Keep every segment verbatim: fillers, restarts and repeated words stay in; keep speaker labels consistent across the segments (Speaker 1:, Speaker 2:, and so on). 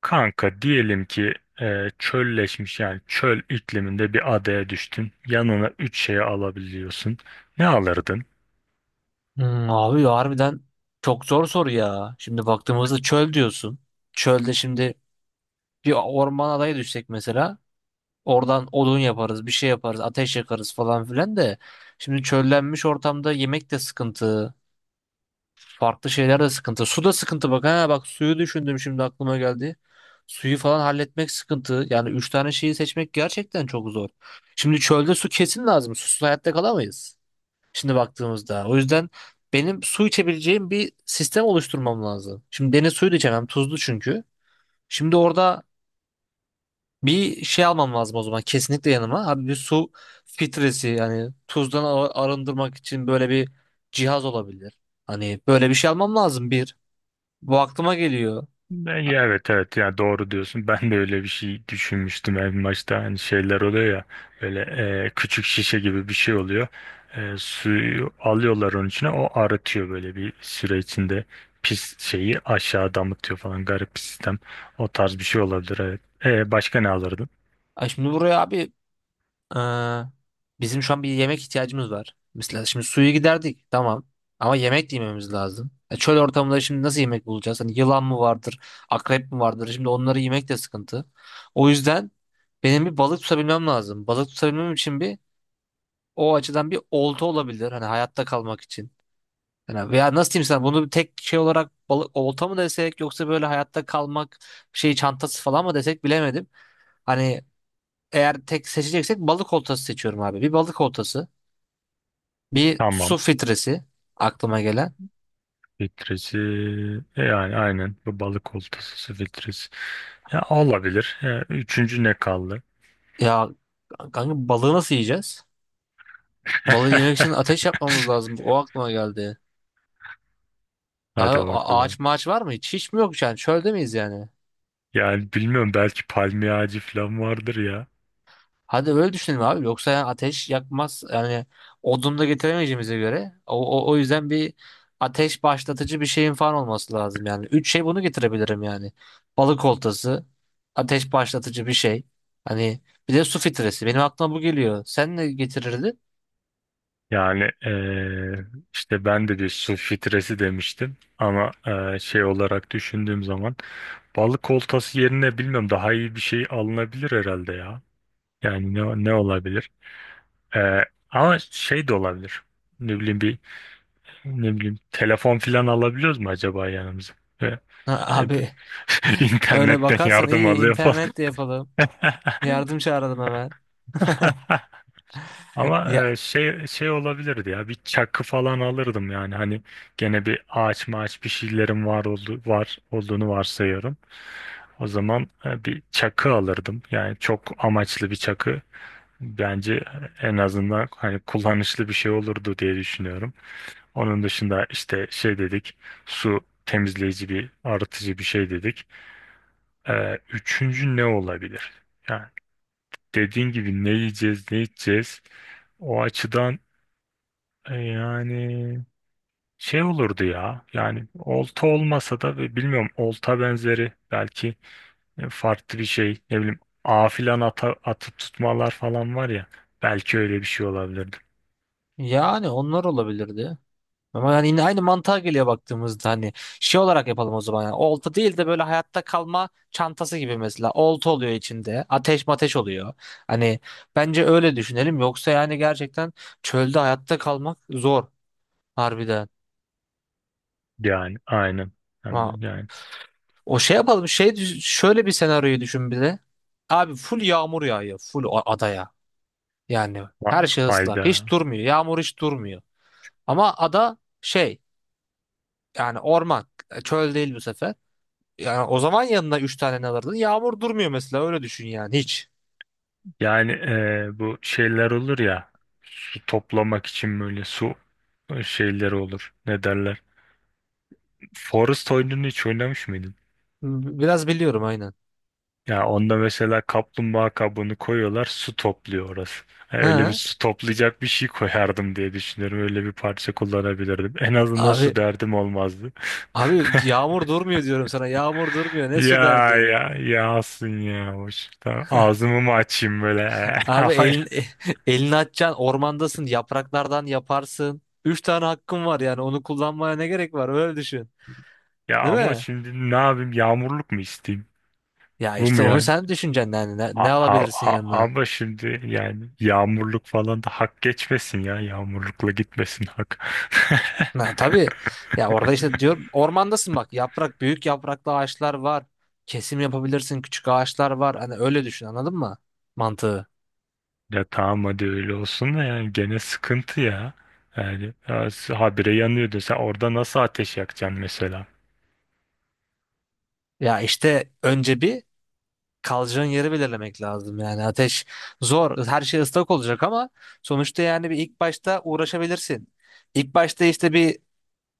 Speaker 1: Kanka diyelim ki e, çölleşmiş yani çöl ikliminde bir adaya düştün. Yanına üç şeyi alabiliyorsun. Ne alırdın?
Speaker 2: Hmm, abi ya harbiden çok zor soru ya. Şimdi baktığımızda çöl diyorsun. Çölde şimdi bir orman adayı düşsek mesela oradan odun yaparız, bir şey yaparız, ateş yakarız falan filan de. Şimdi çöllenmiş ortamda yemek de sıkıntı, farklı şeyler de sıkıntı. Su da sıkıntı, bak ha bak, suyu düşündüm şimdi aklıma geldi. Suyu falan halletmek sıkıntı. Yani üç tane şeyi seçmek gerçekten çok zor. Şimdi çölde su kesin lazım. Susuz hayatta kalamayız. Şimdi baktığımızda. O yüzden benim su içebileceğim bir sistem oluşturmam lazım. Şimdi deniz suyu da içemem. Tuzlu çünkü. Şimdi orada bir şey almam lazım o zaman. Kesinlikle yanıma. Abi bir su filtresi, yani tuzdan ar- arındırmak için böyle bir cihaz olabilir. Hani böyle bir şey almam lazım bir. Bu aklıma geliyor.
Speaker 1: Ben,
Speaker 2: Ha-
Speaker 1: ya evet evet yani doğru diyorsun. Ben de öyle bir şey düşünmüştüm en başta. Hani şeyler oluyor ya böyle e, küçük şişe gibi bir şey oluyor. E, suyu alıyorlar onun içine, o arıtıyor böyle bir süre içinde. Pis şeyi aşağı damıtıyor falan, garip bir sistem. O tarz bir şey olabilir, evet. E, başka ne alırdın?
Speaker 2: Ay şimdi buraya abi. Ee, Bizim şu an bir yemek ihtiyacımız var. Mesela şimdi suyu giderdik tamam ama yemek de yememiz lazım. E, çöl ortamında şimdi nasıl yemek bulacağız? Hani yılan mı vardır, akrep mi vardır? Şimdi onları yemek de sıkıntı. O yüzden benim bir balık tutabilmem lazım. Balık tutabilmem için bir, o açıdan bir olta olabilir. Hani hayatta kalmak için. Yani veya nasıl diyeyim sana bunu, bir tek şey olarak balık, olta mı desek yoksa böyle hayatta kalmak şey çantası falan mı desek bilemedim. Hani eğer tek seçeceksek balık oltası seçiyorum abi. Bir balık oltası. Bir su
Speaker 1: Tamam.
Speaker 2: filtresi aklıma gelen.
Speaker 1: Filtresi, e, yani aynen bu balık oltası filtresi. Ya olabilir. Ya, üçüncü ne kaldı?
Speaker 2: Ya kanka, balığı nasıl yiyeceğiz? Balığı yemek için ateş yapmamız lazım. O aklıma geldi. Abi,
Speaker 1: Hadi
Speaker 2: a- ağaç
Speaker 1: bakalım.
Speaker 2: maaç var mı? Hiç, hiç mi yok yani? Çölde miyiz yani?
Speaker 1: Yani bilmiyorum, belki palmiye ağacı falan vardır ya.
Speaker 2: Hadi öyle düşünelim abi. Yoksa yani ateş yakmaz. Yani odun da getiremeyeceğimize göre. O, o, o yüzden bir ateş başlatıcı bir şeyin falan olması lazım yani. Üç şey bunu getirebilirim yani. Balık oltası, ateş başlatıcı bir şey. Hani bir de su filtresi. Benim aklıma bu geliyor. Sen ne getirirdin?
Speaker 1: Yani eee, işte ben de bir su filtresi demiştim ama eee, şey olarak düşündüğüm zaman balık oltası yerine bilmiyorum, daha iyi bir şey alınabilir herhalde ya. Yani ne, ne olabilir? Eee, ama şey de olabilir. Ne bileyim bir Ne bileyim telefon filan alabiliyoruz mu acaba yanımıza? E,
Speaker 2: Ha,
Speaker 1: e, b-
Speaker 2: Abi, öyle
Speaker 1: internetten
Speaker 2: bakarsan
Speaker 1: yardım
Speaker 2: iyi
Speaker 1: alıyor falan.
Speaker 2: internet de yapalım. Yardım çağıralım hemen.
Speaker 1: Ama
Speaker 2: Ya
Speaker 1: e, şey şey olabilirdi ya, bir çakı falan alırdım yani. Hani gene bir ağaç maaç bir şeylerin var oldu var olduğunu varsayıyorum. O zaman e, bir çakı alırdım. Yani çok amaçlı bir çakı bence en azından hani kullanışlı bir şey olurdu diye düşünüyorum. Onun dışında işte şey dedik, su temizleyici bir arıtıcı bir şey dedik. Ee, üçüncü ne olabilir? Yani dediğin gibi ne yiyeceğiz, ne içeceğiz. O açıdan e, yani şey olurdu ya. Yani olta olmasa da, ve bilmiyorum, olta benzeri belki e, farklı bir şey. Ne bileyim ağ filan, ata, atıp tutmalar falan var ya. Belki öyle bir şey olabilirdi.
Speaker 2: yani onlar olabilirdi. Ama yani yine aynı mantığa geliyor baktığımızda. Hani şey olarak yapalım o zaman, yani olta değil de böyle hayatta kalma çantası gibi, mesela olta oluyor içinde, ateş mateş oluyor. Hani bence öyle düşünelim. Yoksa yani gerçekten çölde hayatta kalmak zor harbiden.
Speaker 1: Yani aynen. Hem
Speaker 2: Ama
Speaker 1: de yani
Speaker 2: o şey yapalım, şey düş- şöyle bir senaryoyu düşün bir de. Abi full yağmur yağıyor full a- adaya. Yani her
Speaker 1: ha-
Speaker 2: şey ıslak.
Speaker 1: hayda.
Speaker 2: Hiç durmuyor. Yağmur hiç durmuyor. Ama ada şey, yani orman. e, Çöl değil bu sefer. Yani o zaman yanına üç tane ne alırdın? Yağmur durmuyor mesela, öyle düşün yani hiç.
Speaker 1: Yani e, bu şeyler olur ya. Su toplamak için böyle su e, şeyleri olur. Ne derler? Forest oyununu hiç oynamış mıydın?
Speaker 2: B- Biraz biliyorum aynen.
Speaker 1: Ya onda mesela kaplumbağa kabuğunu koyuyorlar, su topluyor orası. Ya öyle bir
Speaker 2: Ha
Speaker 1: su toplayacak bir şey koyardım diye düşünüyorum. Öyle bir parça kullanabilirdim. En azından su
Speaker 2: Abi,
Speaker 1: derdim olmazdı.
Speaker 2: abi yağmur durmuyor diyorum sana. Yağmur durmuyor. Ne su
Speaker 1: Ya
Speaker 2: derdi?
Speaker 1: ya yağsın ya hoş. Tamam, ağzımı mı açayım böyle? Ama
Speaker 2: Abi elin, elini açacaksın, ormandasın, yapraklardan yaparsın. Üç tane hakkın var, yani onu kullanmaya ne gerek var, öyle düşün.
Speaker 1: ya,
Speaker 2: Değil
Speaker 1: ama
Speaker 2: mi?
Speaker 1: şimdi ne yapayım? Yağmurluk mu isteyeyim?
Speaker 2: Ya
Speaker 1: Bu mu
Speaker 2: işte onu
Speaker 1: yani?
Speaker 2: sen düşüneceksin, yani ne, ne
Speaker 1: A-
Speaker 2: alabilirsin
Speaker 1: a- a-
Speaker 2: yanına?
Speaker 1: ama şimdi yani yağmurluk falan da hak geçmesin ya. Yağmurlukla gitmesin hak.
Speaker 2: Ha, tabii, ya orada işte diyor ormandasın bak, yaprak büyük yapraklı ağaçlar var. Kesim yapabilirsin, küçük ağaçlar var. Hani öyle düşün, anladın mı mantığı?
Speaker 1: Ya tamam, hadi öyle olsun da yani gene sıkıntı ya. Yani ya, s- habire yanıyor desen, orada nasıl ateş yakacaksın mesela?
Speaker 2: Ya işte önce bir kalacağın yeri belirlemek lazım. Yani ateş zor, her şey ıslak olacak ama sonuçta yani bir ilk başta uğraşabilirsin. İlk başta işte bir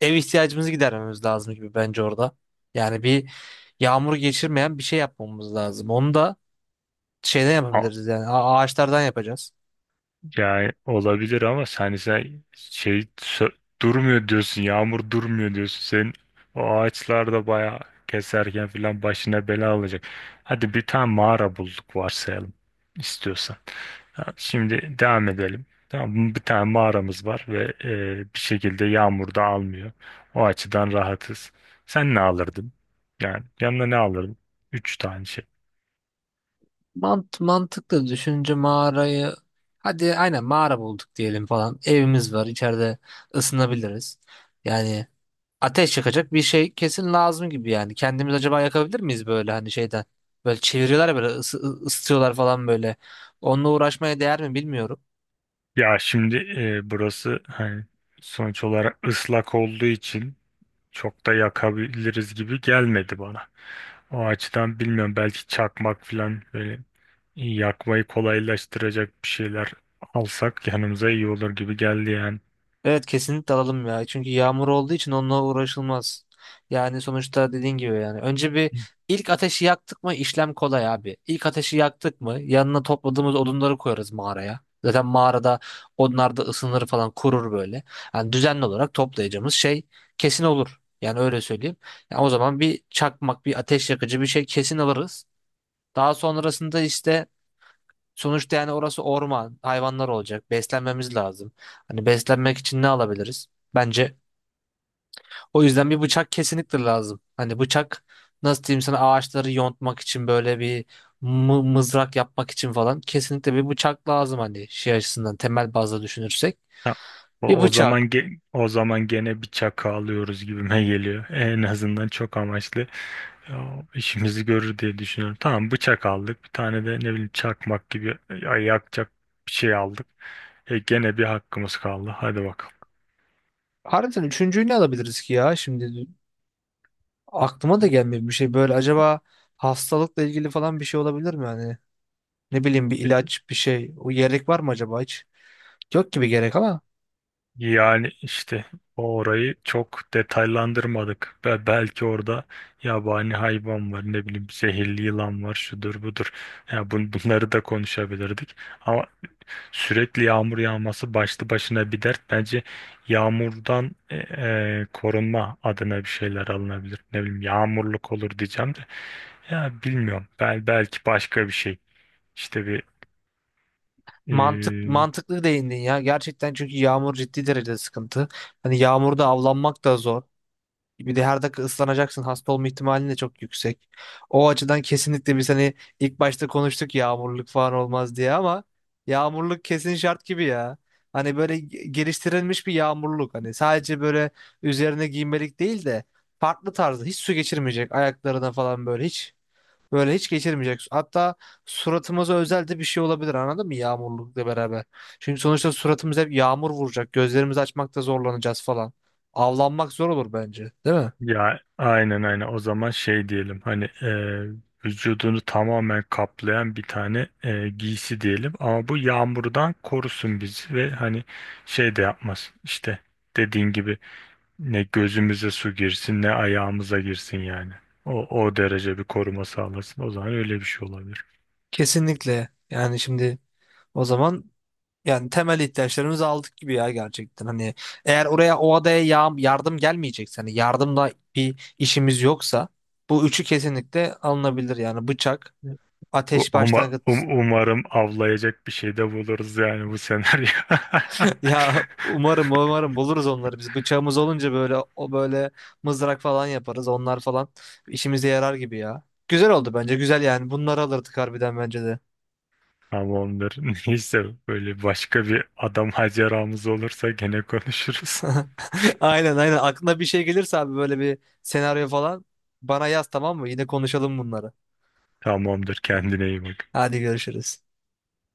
Speaker 2: ev ihtiyacımızı gidermemiz lazım gibi bence orada. Yani bir yağmur geçirmeyen bir şey yapmamız lazım. Onu da şeyden yapabiliriz, yani a- ağaçlardan yapacağız.
Speaker 1: Yani olabilir ama sen sen şey sö- durmuyor diyorsun. Yağmur durmuyor diyorsun. Senin o ağaçlar da bayağı keserken filan başına bela alacak. Hadi bir tane mağara bulduk varsayalım istiyorsan. Ha, şimdi devam edelim. Tamam mı? Bir tane mağaramız var ve e, bir şekilde yağmur da almıyor. O açıdan rahatız. Sen ne alırdın? Yani yanına ne alırdın? Üç tane şey.
Speaker 2: Mant mantıklı düşünce mağarayı, hadi aynen mağara bulduk diyelim falan. Evimiz var içeride, ısınabiliriz. Yani ateş yakacak bir şey kesin lazım gibi yani. Kendimiz acaba yakabilir miyiz, böyle hani şeyden? Böyle çeviriyorlar ya, böyle ısı- ı- ısıtıyorlar falan böyle. Onunla uğraşmaya değer mi bilmiyorum.
Speaker 1: Ya şimdi e, burası hani sonuç olarak ıslak olduğu için çok da yakabiliriz gibi gelmedi bana. O açıdan bilmiyorum, belki çakmak falan böyle yakmayı kolaylaştıracak bir şeyler alsak yanımıza iyi olur gibi geldi yani.
Speaker 2: Evet, kesinlikle alalım ya. Çünkü yağmur olduğu için onunla uğraşılmaz. Yani sonuçta dediğin gibi yani. Önce bir ilk ateşi yaktık mı işlem kolay abi. İlk ateşi yaktık mı yanına topladığımız odunları koyarız mağaraya. Zaten mağarada onlar da ısınır falan, kurur böyle. Yani düzenli olarak toplayacağımız şey kesin olur. Yani öyle söyleyeyim. Yani o zaman bir çakmak, bir ateş yakıcı bir şey kesin alırız. Daha sonrasında işte, sonuçta yani orası orman, hayvanlar olacak. Beslenmemiz lazım. Hani beslenmek için ne alabiliriz? Bence o yüzden bir bıçak kesinlikle lazım. Hani bıçak, nasıl diyeyim sana, ağaçları yontmak için, böyle bir mı- mızrak yapmak için falan kesinlikle bir bıçak lazım, hani şey açısından, temel bazda düşünürsek.
Speaker 1: Ha,
Speaker 2: Bir
Speaker 1: o o
Speaker 2: bıçak.
Speaker 1: zaman ge- o zaman gene bir çakı alıyoruz gibime geliyor. En azından çok amaçlı ya, işimizi görür diye düşünüyorum. Tamam, bıçak aldık. Bir tane de ne bileyim çakmak gibi ya- yakacak bir şey aldık. E, gene bir hakkımız kaldı. Hadi bakalım.
Speaker 2: Harbiden üçüncüyü ne alabiliriz ki ya? Şimdi aklıma da gelmiyor bir şey, böyle acaba hastalıkla ilgili falan bir şey olabilir mi yani? Ne bileyim bir ilaç bir şey. O gerek var mı acaba hiç? Yok gibi gerek ama.
Speaker 1: Yani işte orayı çok detaylandırmadık. Ve belki orada yabani hayvan var, ne bileyim zehirli yılan var, şudur budur. Ya bun- bunları da konuşabilirdik. Ama sürekli yağmur yağması başlı başına bir dert. Bence yağmurdan e, e, korunma adına bir şeyler alınabilir. Ne bileyim yağmurluk olur diyeceğim de. Ya bilmiyorum. Bel belki başka bir şey. İşte bir
Speaker 2: Mantık
Speaker 1: e,
Speaker 2: mantıklı değindin ya. Gerçekten, çünkü yağmur ciddi derecede sıkıntı. Hani yağmurda avlanmak da zor. Bir de her dakika ıslanacaksın. Hasta olma ihtimalin de çok yüksek. O açıdan kesinlikle biz hani ilk başta konuştuk yağmurluk falan olmaz diye ama yağmurluk kesin şart gibi ya. Hani böyle ge- geliştirilmiş bir yağmurluk. Hani sadece böyle üzerine giymelik değil de farklı tarzda, hiç su geçirmeyecek, ayaklarına falan böyle hiç, böyle hiç geçirmeyecek. Hatta suratımıza özel de bir şey olabilir, anladın mı, yağmurlukla beraber. Çünkü sonuçta suratımıza hep yağmur vuracak. Gözlerimizi açmakta zorlanacağız falan. Avlanmak zor olur bence, değil mi?
Speaker 1: ya aynen aynen, o zaman şey diyelim, hani e, vücudunu tamamen kaplayan bir tane e, giysi diyelim ama bu yağmurdan korusun bizi. Ve hani şey de yapmaz işte, dediğin gibi ne gözümüze su girsin ne ayağımıza girsin yani o, o derece bir koruma sağlasın. O zaman öyle bir şey olabilir.
Speaker 2: Kesinlikle. Yani şimdi o zaman, yani temel ihtiyaçlarımızı aldık gibi ya gerçekten. Hani eğer oraya, o adaya ya- yardım gelmeyecekse, hani yardımla bir işimiz yoksa bu üçü kesinlikle alınabilir. Yani bıçak,
Speaker 1: U-
Speaker 2: ateş
Speaker 1: Uma,
Speaker 2: başlangıç.
Speaker 1: um- umarım avlayacak bir şey de buluruz yani bu senaryo.
Speaker 2: Ya umarım, umarım buluruz onları biz. Bıçağımız olunca böyle, o böyle mızrak falan yaparız. Onlar falan işimize yarar gibi ya. Güzel oldu bence. Güzel yani. Bunları alırdık harbiden bence de.
Speaker 1: Tamamdır. Neyse böyle başka bir adam maceramız olursa gene konuşuruz.
Speaker 2: Aynen, aynen. Aklına bir şey gelirse abi, böyle bir senaryo falan, bana yaz tamam mı? Yine konuşalım bunları.
Speaker 1: Tamamdır. Kendine iyi bak.
Speaker 2: Hadi görüşürüz.